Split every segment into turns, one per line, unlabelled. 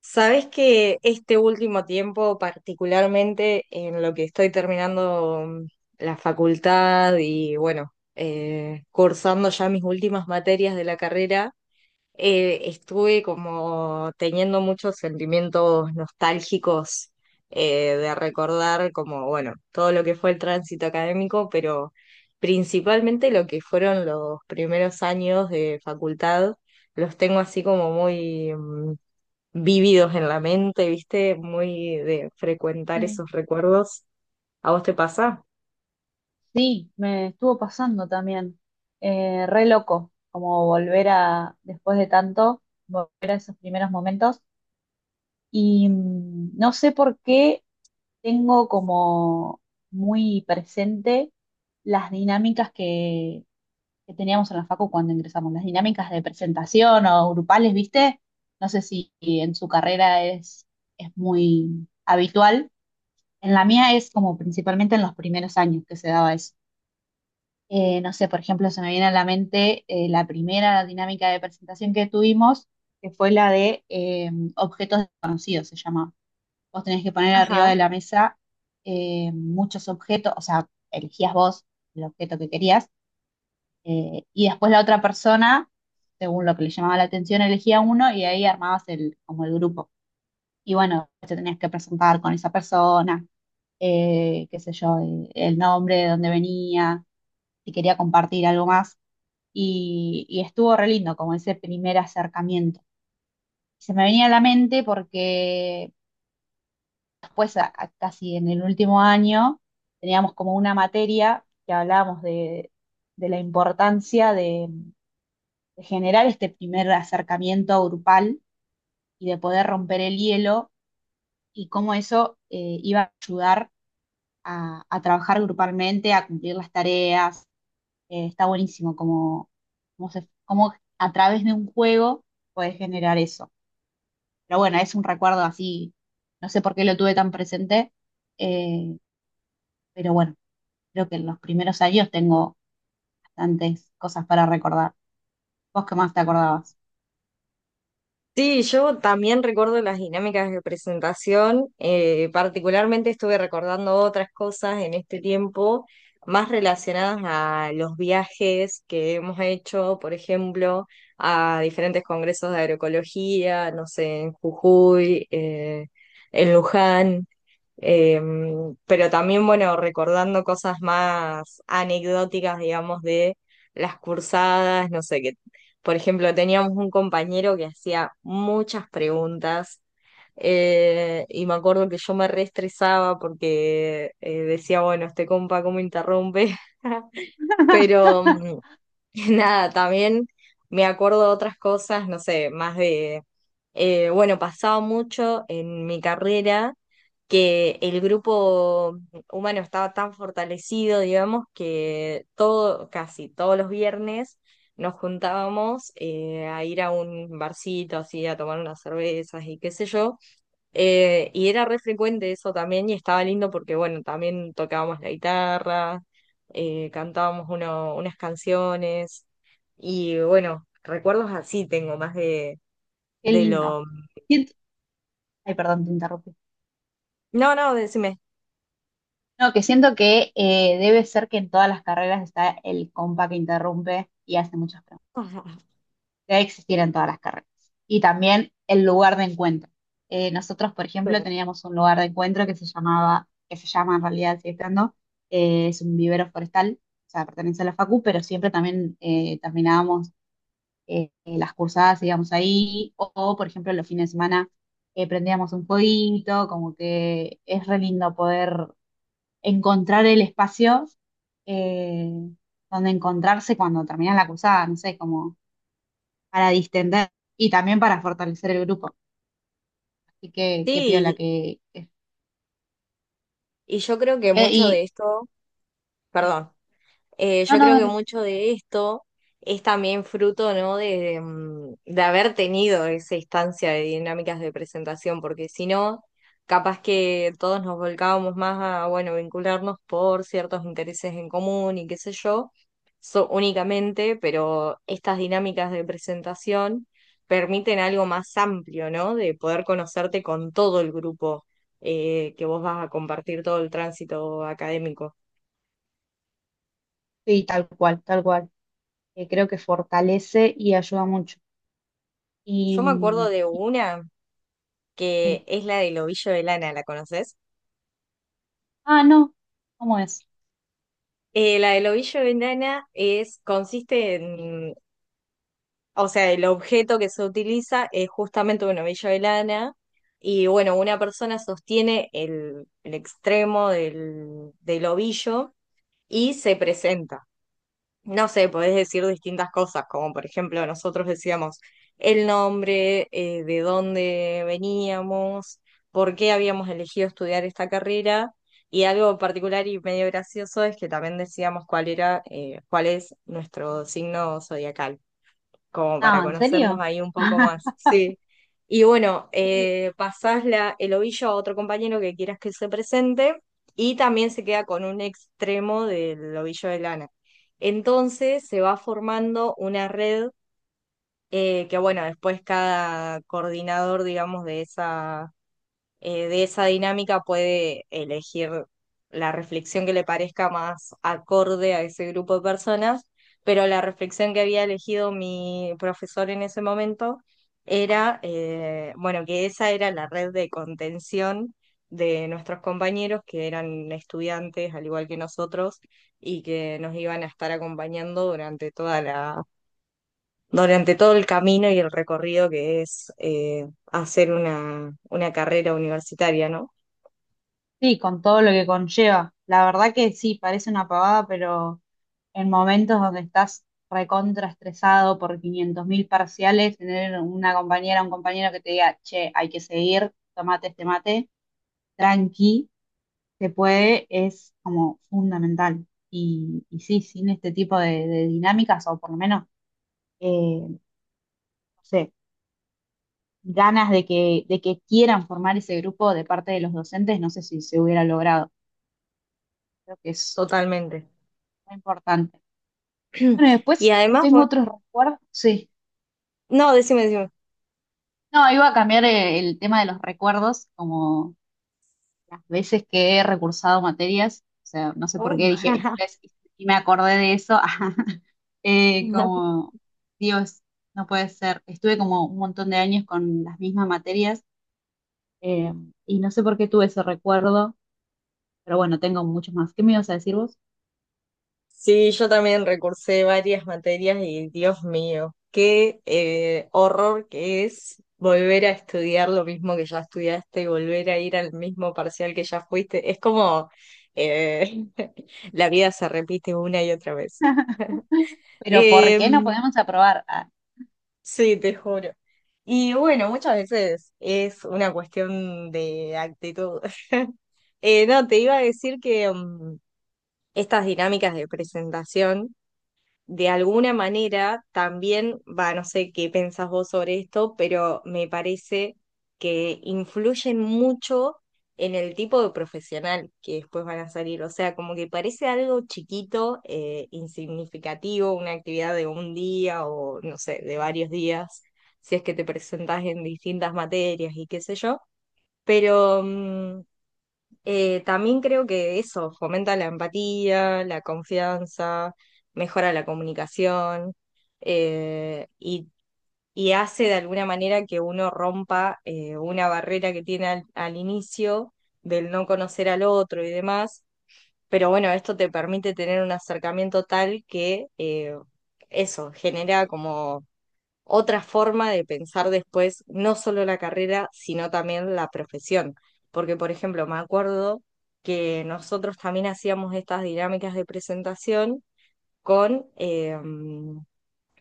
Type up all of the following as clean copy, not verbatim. Sabes que este último tiempo, particularmente en lo que estoy terminando la facultad. Y bueno, cursando ya mis últimas materias de la carrera, estuve como teniendo muchos sentimientos nostálgicos, de recordar como, bueno, todo lo que fue el tránsito académico, pero principalmente lo que fueron los primeros años de facultad, los tengo así como muy vívidos en la mente, ¿viste? Muy de frecuentar
Sí,
esos recuerdos. ¿A vos te pasa?
sí, me estuvo pasando también. Re loco, como volver a, después de tanto, volver a esos primeros momentos. Y no sé por qué tengo como muy presente las dinámicas que teníamos en la facu cuando ingresamos, las dinámicas de presentación o grupales, ¿viste? No sé si en su carrera es muy habitual. En la mía es como principalmente en los primeros años que se daba eso. No sé, por ejemplo, se me viene a la mente la primera dinámica de presentación que tuvimos, que fue la de objetos desconocidos, se llama. Vos tenés que poner arriba de la mesa muchos objetos, o sea, elegías vos el objeto que querías, y después la otra persona, según lo que le llamaba la atención, elegía uno y ahí armabas como el grupo. Y bueno, te tenías que presentar con esa persona, qué sé yo, el nombre, de dónde venía, si quería compartir algo más y estuvo re lindo como ese primer acercamiento. Se me venía a la mente porque después, casi en el último año, teníamos como una materia que hablábamos de la importancia de generar este primer acercamiento grupal y de poder romper el hielo y cómo eso iba a ayudar a trabajar grupalmente, a cumplir las tareas. Está buenísimo como a través de un juego puedes generar eso. Pero bueno, es un recuerdo así, no sé por qué lo tuve tan presente, eh, pero bueno, creo que en los primeros años tengo bastantes cosas para recordar. ¿Vos qué más te acordabas?
Sí, yo también recuerdo las dinámicas de presentación. Particularmente estuve recordando otras cosas en este tiempo, más relacionadas a los viajes que hemos hecho, por ejemplo, a diferentes congresos de agroecología, no sé, en Jujuy, en Luján. Eh, pero también, bueno, recordando cosas más anecdóticas, digamos, de las cursadas, no sé, que, por ejemplo, teníamos un compañero que hacía muchas preguntas, y me acuerdo que yo me reestresaba porque decía, bueno, este compa, ¿cómo interrumpe? Pero nada, también me acuerdo de otras cosas, no sé, más de, bueno, pasaba mucho en mi carrera que el grupo humano estaba tan fortalecido, digamos, que todo, casi todos los viernes nos juntábamos, a ir a un barcito así, a tomar unas cervezas y qué sé yo. Y era re frecuente eso también y estaba lindo porque, bueno, también tocábamos la guitarra, cantábamos unas canciones y, bueno, recuerdos así tengo más
Qué
de
lindo.
lo...
Siento- Ay, perdón, te interrumpí.
No, no, decime.
No, que siento que debe ser que en todas las carreras está el compa que interrumpe y hace muchas preguntas. Debe existir en todas las carreras. Y también el lugar de encuentro. Nosotros, por ejemplo, teníamos un lugar de encuentro que se llamaba, que se llama en realidad, sigue estando, es un vivero forestal, o sea, pertenece a la Facu, pero siempre también terminábamos las cursadas, íbamos ahí, o, por ejemplo, los fines de semana prendíamos un fueguito, como que es re lindo poder encontrar el espacio eh, donde encontrarse cuando termina la cursada, no sé, como para distender y también para fortalecer el grupo. Así que qué piola
Sí,
que,
y yo creo que
que-
mucho de
y
esto,
sí.
perdón.
No,
Yo
no,
creo que
dale.
mucho de esto es también fruto, ¿no?, de, de haber tenido esa instancia de dinámicas de presentación, porque si no, capaz que todos nos volcábamos más a, bueno, vincularnos por ciertos intereses en común y qué sé yo, únicamente, pero estas dinámicas de presentación permiten algo más amplio, ¿no? De poder conocerte con todo el grupo, que vos vas a compartir todo el tránsito académico.
Sí, tal cual, tal cual. Creo que fortalece y ayuda mucho. Y,
Yo me acuerdo de una,
y-
que es la del ovillo de lana, ¿la conoces?
ah, no, ¿cómo es?
La del ovillo de lana es, consiste en, o sea, el objeto que se utiliza es justamente un ovillo de lana y bueno, una persona sostiene el extremo del ovillo y se presenta. No sé, podés decir distintas cosas, como por ejemplo nosotros decíamos el nombre, de dónde veníamos, por qué habíamos elegido estudiar esta carrera. Y algo particular y medio gracioso es que también decíamos cuál era, cuál es nuestro signo zodiacal, como para
Ah, ¿en
conocernos
serio?
ahí un poco más, sí. Y bueno,
Sí,
pasás el ovillo a otro compañero que quieras que se presente, y también se queda con un extremo del ovillo de lana. Entonces se va formando una red, que bueno, después cada coordinador, digamos, de esa, de esa dinámica puede elegir la reflexión que le parezca más acorde a ese grupo de personas, pero la reflexión que había elegido mi profesor en ese momento era, bueno, que esa era la red de contención de nuestros compañeros que eran estudiantes al igual que nosotros y que nos iban a estar acompañando durante toda la, durante todo el camino y el recorrido que es hacer una carrera universitaria, ¿no?
sí, con todo lo que conlleva. La verdad que sí, parece una pavada, pero en momentos donde estás recontra estresado por 500.000 parciales, tener una compañera o un compañero que te diga, che, hay que seguir, tomate este mate, tranqui se puede, es como fundamental. Y, sí, sin este tipo de dinámicas, o por lo menos, no sé, ganas de que quieran formar ese grupo de parte de los docentes, no sé si se hubiera logrado. Creo que es
Totalmente.
muy importante. Bueno, y
Y
después
además,
tengo otros recuerdos. Sí.
no, decime, decime.
No, iba a cambiar el tema de los recuerdos, como las veces que he recursado materias. O sea, no sé por
Oh.
qué dije estrés y me acordé de eso. Eh, como, Dios, no puede ser. Estuve como un montón de años con las mismas materias eh, y no sé por qué tuve ese recuerdo, pero bueno, tengo muchos más. ¿Qué me ibas a decir vos?
Sí, yo también recursé varias materias y Dios mío, qué horror que es volver a estudiar lo mismo que ya estudiaste y volver a ir al mismo parcial que ya fuiste. Es como eh, la vida se repite una y otra vez.
Pero ¿por qué no
Em,
podemos aprobar? Ah,
Sí, te juro. Y bueno, muchas veces es una cuestión de actitud. No, te iba a decir que estas dinámicas de presentación de alguna manera también, va, no sé qué pensás vos sobre esto, pero me parece que influyen mucho en el tipo de profesional que después van a salir. O sea, como que parece algo chiquito, insignificativo, una actividad de un día o, no sé, de varios días, si es que te presentás en distintas materias y qué sé yo. Pero también creo que eso fomenta la empatía, la confianza, mejora la comunicación, y y hace de alguna manera que uno rompa, una barrera que tiene al inicio del no conocer al otro y demás. Pero bueno, esto te permite tener un acercamiento tal que eso genera como otra forma de pensar después no solo la carrera, sino también la profesión. Porque, por ejemplo, me acuerdo que nosotros también hacíamos estas dinámicas de presentación con,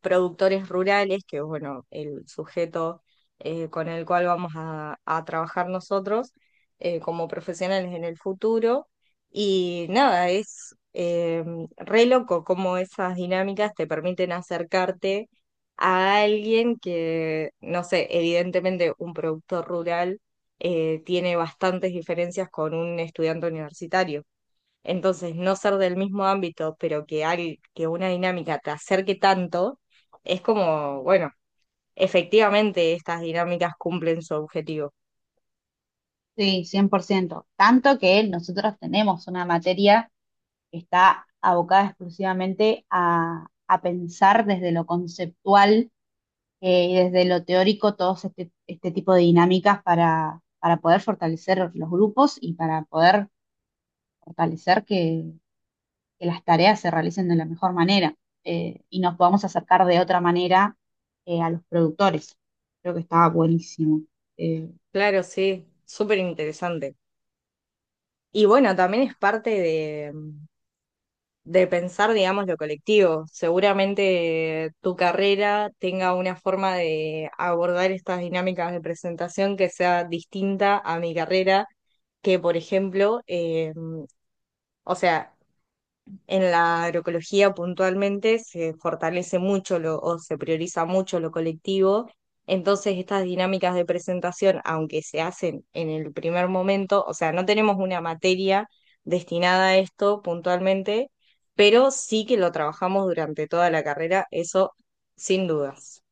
productores rurales, que es bueno, el sujeto, con el cual vamos a trabajar nosotros como profesionales en el futuro. Y nada, es re loco cómo esas dinámicas te permiten acercarte a alguien que, no sé, evidentemente un productor rural tiene bastantes diferencias con un estudiante universitario. Entonces, no ser del mismo ámbito, pero que, que una dinámica te acerque tanto, es como, bueno, efectivamente estas dinámicas cumplen su objetivo.
sí, 100%. Tanto que nosotros tenemos una materia que está abocada exclusivamente a pensar desde lo conceptual y desde lo teórico todos este tipo de dinámicas para poder fortalecer los grupos y para poder fortalecer que las tareas se realicen de la mejor manera y nos podamos acercar de otra manera a los productores. Creo que estaba buenísimo. Eh,
Claro, sí, súper interesante. Y bueno, también es parte de pensar, digamos, lo colectivo. Seguramente tu carrera tenga una forma de abordar estas dinámicas de presentación que sea distinta a mi carrera que, por ejemplo, o sea, en la agroecología puntualmente se fortalece mucho lo, o se prioriza mucho lo colectivo, entonces estas dinámicas de presentación, aunque se hacen en el primer momento, o sea, no tenemos una materia destinada a esto puntualmente, pero sí que lo trabajamos durante toda la carrera, eso sin dudas.